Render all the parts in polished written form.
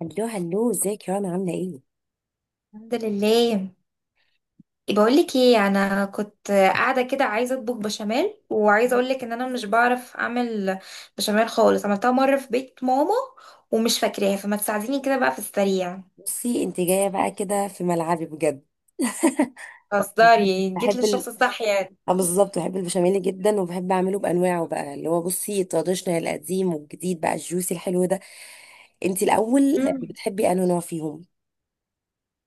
هلو هلو، ازيك يا رنا؟ عاملة ايه؟ الحمد لله. بقول لك ايه، انا كنت قاعده كده عايزه اطبخ بشاميل، وعايزه اقول لك ان انا مش بعرف اعمل بشاميل خالص. عملتها مره في بيت ماما ومش فاكراها، فما تساعديني كده بقى في السريع. بصي انت جاية بقى كده في ملعبي بجد. اصدري جيت بحب للشخص الصح يعني. اه، بالظبط، بحب البشاميل جدا وبحب اعمله بانواعه بقى، اللي هو بصي التراديشنال القديم والجديد، بقى الجوسي الحلو ده. انت الاول مم. بتحبي انه نوع فيهم؟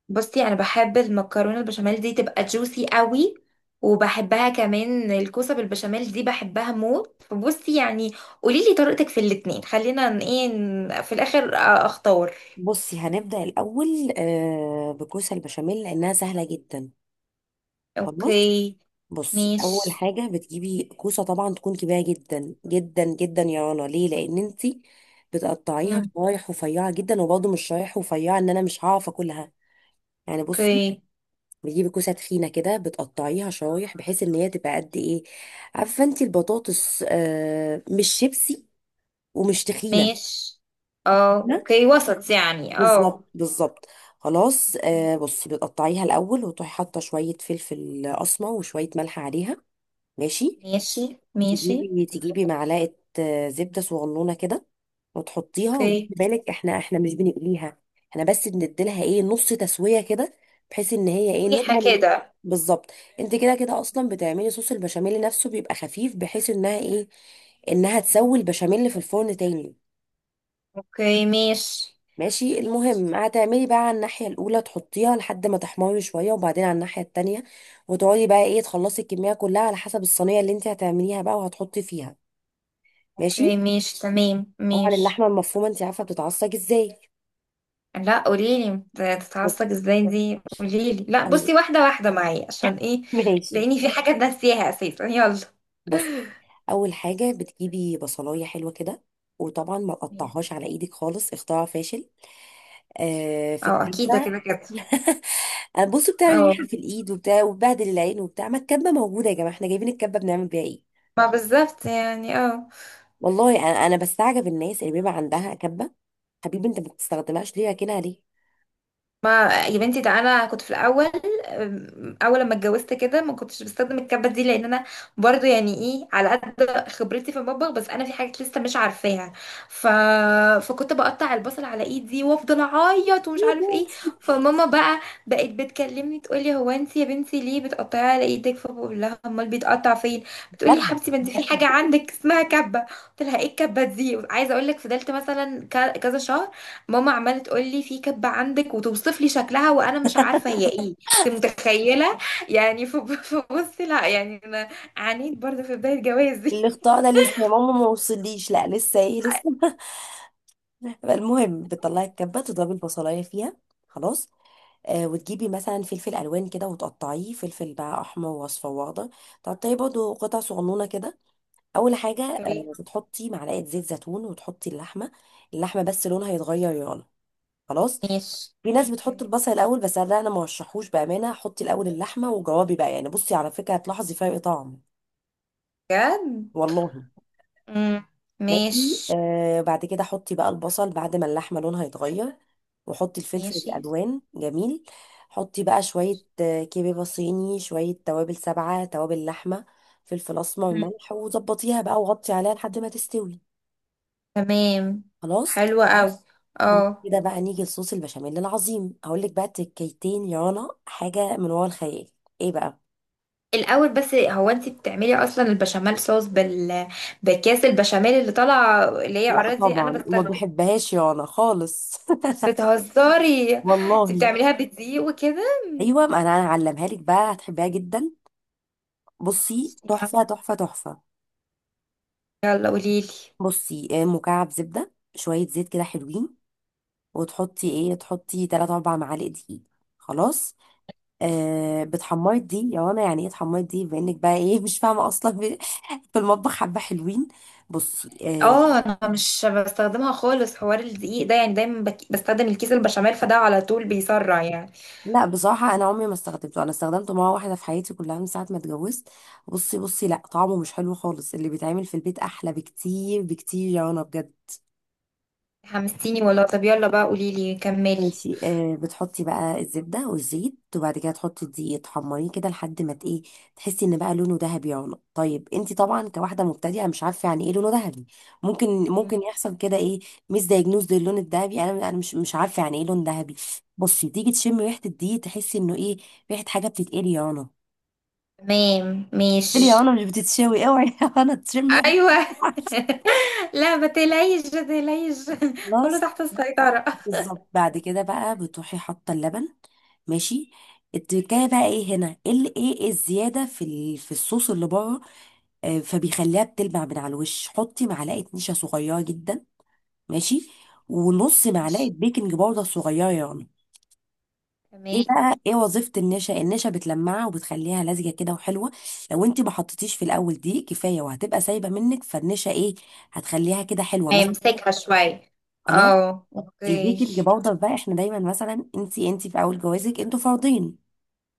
بصي، انا بحب المكرونه البشاميل دي تبقى جوسي قوي، وبحبها كمان الكوسه بالبشاميل دي بحبها موت، فبصي يعني قولي لي طريقتك في الاتنين، خلينا في الاخر اختار. بصي هنبدأ الاول بكوسة البشاميل لانها سهلة جدا. خلاص، اوكي بصي اول ماشي. حاجه بتجيبي كوسه، طبعا تكون كبيره جدا جدا جدا يا رنا. ليه؟ لان انت بتقطعيها مم. شرايح رفيعه جدا، وبرضه مش شرايح رفيعه ان انا مش هعرف اكلها. يعني بصي، اوكي بتجيبي كوسه تخينه كده، بتقطعيها شرايح بحيث ان هي تبقى قد ايه؟ عارفه انت البطاطس؟ آه، مش شيبسي ومش تخينه. ماشي. اه لا؟ اوكي وسط يعني بالظبط بالظبط. خلاص، آه بصي بتقطعيها الاول وتروحي حاطه شويه فلفل اسمر وشويه ملح عليها. ماشي، ماشي ماشي. تجيبي معلقة زبدة صغنونة كده وتحطيها، وخدي اوكي. بالك، احنا مش بنقليها، احنا بس بنديلها ايه، نص تسوية كده، بحيث ان هي ايه، ريحة نضمن كده. بالظبط. انت كده كده اصلا بتعملي صوص البشاميل نفسه بيبقى خفيف، بحيث انها ايه، انها مم. تسوي البشاميل في الفرن تاني. اوكي ماشي. ماشي، المهم هتعملي بقى على الناحية الأولى، تحطيها لحد ما تحمر شوية وبعدين على الناحية التانية، وتقعدي بقى ايه تخلصي الكمية كلها على حسب الصينية اللي انت هتعمليها بقى وهتحطي فيها. ماشي، اوكي ماشي تمام طبعا ماشي. اللحمه المفرومه انت عارفه بتتعصج ازاي؟ لا، قوليلي تتعصب ازاي دي، قوليلي، لا بتستني. بصي واحدة واحدة معايا عشان ايه. ماشي، لاني في حاجة ناسيها اساسا، يلا. بص، اول حاجه بتجيبي بصلايه حلوه كده، وطبعا ما مم. تقطعهاش على ايدك خالص، اختراع فاشل. آه، في اه اكيد ده الكبه. كده كده. بصوا، بتعمل اه، ريحه في الايد وبتاع، وبهدل العين وبتاع، ما الكبه موجوده يا جماعه، احنا جايبين الكبه بنعمل بيها ايه؟ ما بالظبط يعني والله انا بستعجب الناس اللي بيبقى عندها كبه، حبيبي انت ما بتستخدمهاش ليه؟ راكنها ليه؟ ما يا بنتي، ده انا كنت في الاول. اول لما اتجوزت كده ما كنتش بستخدم الكبه دي لان انا برضو يعني ايه على قد خبرتي في المطبخ، بس انا في حاجات لسه مش عارفاها. ف... فكنت بقطع البصل على ايدي وافضل اعيط ومش يا عارف بابا. ايه. فماما بقى بقت بتكلمني تقولي، هو انت يا بنتي ليه بتقطعي على ايدك؟ فبقول لها امال بيتقطع فين؟ بتقولي يا كبه. حبيبتي ما انت في حاجه عندك اسمها كبه. قلت لها ايه الكبه دي؟ عايزه اقول لك فضلت مثلا كذا شهر ماما عماله تقول لي في كبه عندك وتوصف لي شكلها وانا مش عارفه هي ايه. انت متخيله؟ يعني فبص، لا يعني انا عانيت برضه في بدايه جوازي. الاختراع ده لسه يا ماما ما وصليش، لا لسه ايه لسه. المهم، بتطلعي الكبه تضربي البصلايه فيها، خلاص. آه، وتجيبي مثلا فلفل الوان كده وتقطعيه، فلفل بقى احمر واصفر واخضر، تقطعيه برضه قطع صغنونه كده. اول حاجه اوكي آه، بتحطي معلقه زيت زيتون وتحطي اللحمه، اللحمه بس لونها يتغير، يلا خلاص. ماشي. في ناس بتحط اوكي. البصل الاول، بس لا انا ما رشحوش بامانه، حطي الاول اللحمه وجوابي بقى، يعني بصي على فكره هتلاحظي فرق طعم، بجد. والله. مم. ماشي، ماشي آه بعد كده حطي بقى البصل بعد ما اللحمة لونها يتغير، وحطي الفلفل ماشي. الألوان، جميل. حطي بقى شوية كبيبة صيني، شوية توابل، سبعة توابل لحمة، فلفل أسمر، مم. ملح، وظبطيها بقى وغطي عليها لحد ما تستوي، تمام. خلاص. حلوة قوي. بعد اه كده بقى نيجي لصوص البشاميل العظيم، أقول لك بقى تكيتين يا رنا حاجة من ورا الخيال. إيه بقى؟ الاول بس، هو انت بتعملي اصلا البشاميل صوص بكاس البشاميل اللي طالعه اللي هي لا اراضي انا طبعا وما بستخدم؟ بحبهاش يا رنا خالص. بتهزري؟ انت والله. بتعمليها بدقيق وكده؟ ايوه ما انا هعلمها لك بقى، هتحبيها جدا، بصي تحفة يلا تحفة تحفة. يلا قوليلي. بصي مكعب زبدة، شوية زيت كده، حلوين، وتحطي دقيق؟ ايه، تحطي 3 4 معالق دقيق. خلاص، اوكي. آه بتحمري دي يا رنا، يعني ايه تحمري دي، بما انك بقى ايه مش فاهمة اصلا في في المطبخ، حبة حلوين. بصي آه، اه انا مش بستخدمها خالص حوار الدقيق ده يعني، دايما بستخدم الكيس البشاميل، فده على طول بيسرع يعني. لا بصراحة انا عمري ما استخدمته، انا استخدمته مرة واحدة في حياتي كلها من ساعة ما اتجوزت. بصي بصي، لا طعمه مش حلو خالص، اللي بيتعمل في البيت احلى بكتير بكتير يا رنا بجد. حمستيني والله، طب يلا بقى قوليلي، كملي. ماشي، آه بتحطي بقى الزبدة والزيت وبعد كده تحطي الدقيق، تحمريه كده لحد ما ايه، تحسي ان بقى لونه ذهبي. يعلى طيب انت طبعا كواحدة مبتدئة مش عارفة يعني ايه لونه ذهبي، ممكن ممكن مم. يحصل كده ايه، مش دايجنوز للون الذهبي، انا مش عارفة يعني ايه لون ذهبي. بصي، تيجي تشمي ريحة الدقيق تحسي انه ايه، ريحة حاجة بتتقلي يا رنا، تمام بتتقلي يا ماشي. رنا مش بتتشوي، اوعي يا رنا تشمي ريحة. ايوه. لا ما تقلقيش ما تقلقيش. كله خلاص، تحت السيطرة. بالظبط. بعد كده بقى بتروحي حاطه اللبن، ماشي. التكايه بقى ايه هنا، ايه إيه الزياده في الصوص اللي بره، فبيخليها بتلمع من على الوش. حطي معلقه نشا صغيره جدا، ماشي، ونص معلقه ماشي بيكنج باودر صغيره يعني. تمام. ايه بقى ايه وظيفه النشا، النشا بتلمعها وبتخليها لزجه كده وحلوه، لو انت ما حطيتيش في الاول دي كفايه وهتبقى سايبه منك، فالنشا ايه، هتخليها كده حلوه تمام، مثلا. امسكها شوية. خلاص. اه اوكي. البيكنج باودر بقى، احنا دايما مثلا انتي في اول جوازك انتوا فردين،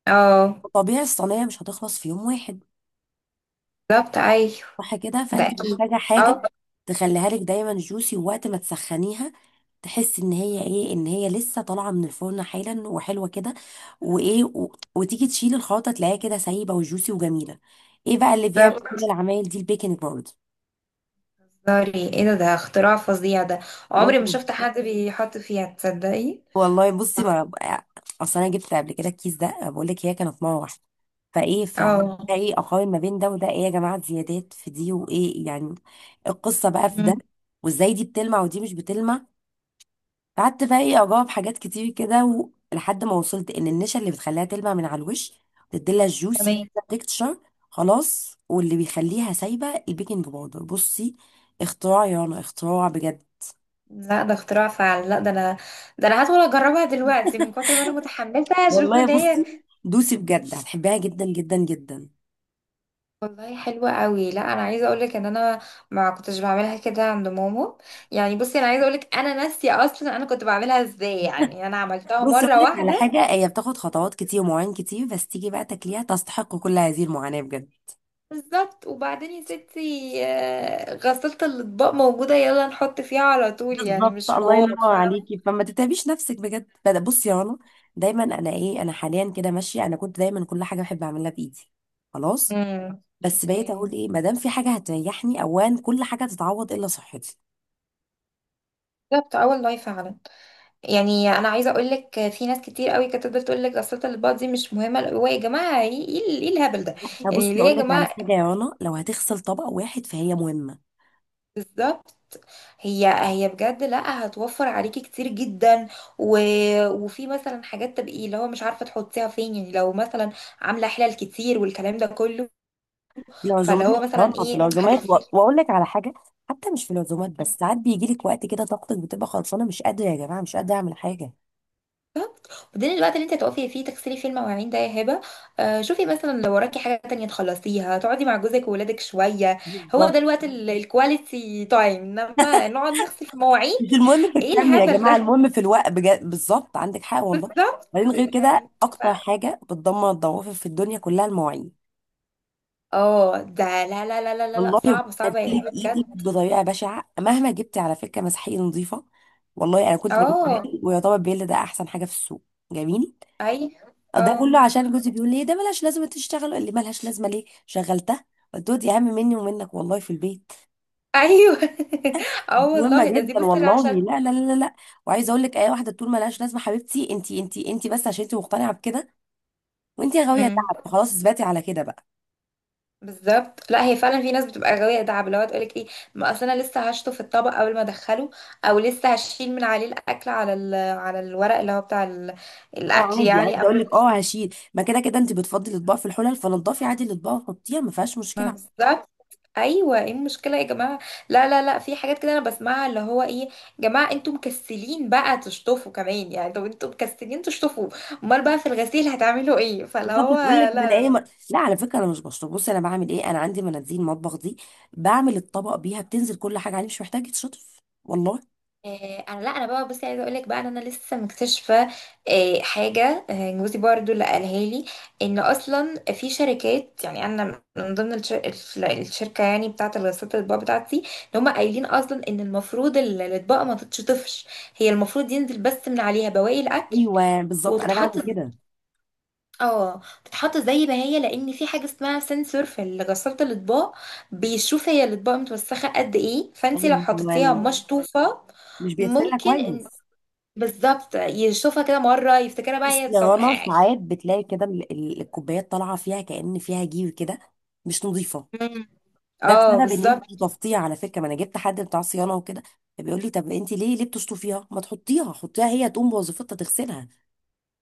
اه طبيعي الصينيه مش هتخلص في يوم واحد، بالظبط ايوه. صح كده؟ ده فانت اكيد. محتاجه اه. حاجه تخليها لك دايما جوسي، ووقت ما تسخنيها تحس ان هي ايه، ان هي لسه طالعه من الفرن حالا وحلوه كده، وتيجي تشيل الخلطه تلاقيها كده سايبه وجوسي وجميله. ايه بقى اللي بيعمل كل بالظبط. العمايل دي؟ البيكنج سوري، ايه ده؟ ده اختراع فظيع ده. عمري ما باودر. شفت حد بيحط فيها، تصدقي؟ والله بصي ما أنا- اصل انا جبت قبل كده الكيس ده، بقول لك هي كانت مره واحده، فايه ف اه. ده ايه، اقارن ما بين ده وده، ايه يا جماعه، زيادات في دي وايه يعني. القصه بقى في ده، مم. وازاي دي بتلمع ودي مش بتلمع. قعدت بقى ايه اجاوب حاجات كتير كده لحد ما وصلت ان النشا اللي بتخليها تلمع من على الوش، تديلها الجوسي، تمام. تكتشر. خلاص، واللي بيخليها سايبه البيكنج باودر. بصي اختراع يا رنا، اختراع بجد. لا ده اختراع فعلا، لا ده انا، ده انا هدخل اجربها دلوقتي من كتر ما انا متحمسه. اشوف والله ان هي، بصي، دوسي بجد هتحبيها جدا جدا جدا. والله حلوه قوي. لا انا عايزه اقول لك ان انا ما كنتش بعملها كده عند ماما، يعني بصي انا عايزه اقول لك انا ناسيه اصلا انا كنت بعملها ازاي، يعني انا عملتها بص مره اقول لك على واحده. حاجه، هي بتاخد خطوات كتير ومواعين كتير بس تيجي بقى تاكليها تستحق كل هذه المعاناه بجد. بالظبط. وبعدين يا ستي، غسالة الأطباق موجودة، يلا نحط فيها على طول يعني، بالظبط، مش الله حوار ينور فاهمة. عليكي، فما تتعبيش نفسك بجد. بصي يا رنا، دايما انا ايه، انا حاليا كده ماشيه، انا كنت دايما كل حاجه بحب اعملها بايدي، خلاص. امم. بس بقيت اوكي. اقول ايه، ما دام في حاجه هتريحني اوان، كل حاجه تتعوض الا صحتي. بالظبط، اول لايف فعلا. يعني انا عايزه اقول لك في ناس كتير قوي كانت تفضل تقول لك غسالة الاطباق دي مش مهمه، هو يا جماعه ايه إيه الهبل ده؟ يعني فبصي ليه اقول يا لك على جماعه؟ حاجه يا رنا، لو هتغسل طبق واحد فهي مهمه. بالظبط. هي بجد لا هتوفر عليكي كتير جدا. و... وفي مثلا حاجات تبقي اللي هو مش عارفه تحطيها فين، يعني لو مثلا عامله حلل كتير والكلام ده كله، فاللي هو العزومات، بره مثلا في ايه، العزومات واقول لك على حاجه، حتى مش في العزومات بس، ساعات بيجي لك وقت كده طاقتك بتبقى خلصانه مش قادره، يا جماعه مش قادره اعمل حاجه. خدين الوقت اللي انت هتقفي فيه تغسلي فيه المواعين ده يا هبه. شوفي مثلا لو وراكي حاجه تانية تخلصيها تقعدي مع جوزك وولادك شويه، هو ده بالظبط، الوقت الكواليتي تايم، انما نقعد نغسل في مواعين؟ مش المهم في ايه الكم يا الهبل جماعه، ده. المهم في الوقت بجد، بالظبط عندك حق والله. بالظبط بعدين غير كده، يعني. ف... اكتر حاجه بتدمر الضوافر في الدنيا كلها المواعين، اه ده لا لا لا لا لا لا، والله صعب صعب بتبهدلك يا هبه بجد. ايدك بطريقه بشعه، مهما جبتي على فكره مسحيق نظيفه. والله انا كنت بجيب اه. بيل، ويعتبر بيل ده احسن حاجه في السوق، جميل. اي. ده اه. كله عشان جوزي بيقول لي إيه؟ ده ملهاش لازمه تشتغل، قال لي ملهاش لازمه، ليه شغلتها؟ قلت له دي اهم مني ومنك والله في البيت، ايوه. اه دي مهمه والله. ده دي جدا بصي والله، عشان لا لا لا لا لا. وعايزه اقول لك، اي واحده تقول ملهاش لازمه، حبيبتي انت بس عشان انت مقتنعه بكده، وانت يا غاويه تعب خلاص اثبتي على كده بقى. بالظبط. لا هي فعلا في ناس بتبقى غاوية دعب، اللي هو تقولك ايه، ما اصل انا لسه هشطه في الطبق اول ما ادخله، او لسه هشيل من عليه الاكل على على الورق اللي هو بتاع اه الاكل عادي، يعني، عايزه اقول قبل. لك، اه هشيل، ما كده كده انت بتفضي الاطباق في الحلل، فنضفي عادي الاطباق وحطيها ما فيهاش ما مشكله. بالظبط ايوه. ايه المشكله يا جماعه؟ لا لا لا، في حاجات كده انا بسمعها اللي هو ايه، يا جماعه انتوا مكسلين بقى تشطفوا كمان يعني؟ طب انتوا مكسلين تشطفوا، امال بقى في الغسيل هتعملوا ايه؟ فاللي بالظبط، هو تقول لك من ايه لا، لا، على فكره انا مش بشطب، بصي انا بعمل ايه، انا عندي مناديل مطبخ دي، بعمل الطبق بيها، بتنزل كل حاجه عليه، مش محتاجه تشطف والله. انا لا انا بقى بصي عايزه اقول لك بقى ان انا لسه مكتشفه حاجه، جوزي برضو اللي قالها لي ان اصلا في شركات، يعني انا من ضمن الشركه يعني بتاعه الغسالات الاطباق بتاعتي، ان هم قايلين اصلا ان المفروض الاطباق ما تتشطفش، هي المفروض ينزل بس من عليها بواقي الاكل ايوه بالظبط انا وتتحط. بعمل مم. مم. كده. اه تتحط زي ما هي، لان في حاجه اسمها سنسور في غساله الاطباق بيشوف هي الاطباق متوسخه قد ايه، فانت لو حطيتيها ايوه مشطوفه مش بيغسلها ممكن. كويس. بالظبط يشوفها كده مرة يفتكرها بقى بصي هي يا طب. رنا، ساعات بتلاقي كده الكوبايات طالعه فيها كأن فيها جير كده، مش نظيفه. مم. ده اه بسبب ان انت بالظبط. تفطيها على فكره، ما انا جبت حد بتاع صيانه وكده، بيقول لي طب انت ليه بتشطفيها، ما تحطيها، حطيها هي تقوم بوظيفتها تغسلها.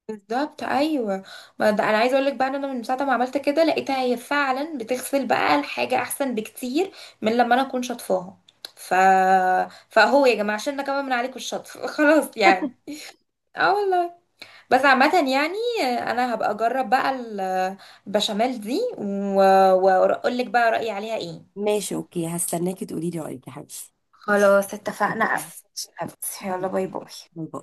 بالظبط ايوه. ما ده انا عايزه اقول لك بقى ان انا من ساعه ما عملت كده لقيتها هي فعلا بتغسل بقى الحاجه احسن بكتير من لما انا اكون شاطفاها. ف فهو يا جماعه عشان كمان من عليكم الشطف. خلاص يعني. اه والله. بس عامة يعني انا هبقى اجرب بقى البشاميل دي واقول لك بقى رأيي عليها ايه. ماشي، اوكي هستناكي تقولي لي رايك يا حبيبتي. خلاص اتفقنا، أوكي. قفل. يلا باي باي. باي باي.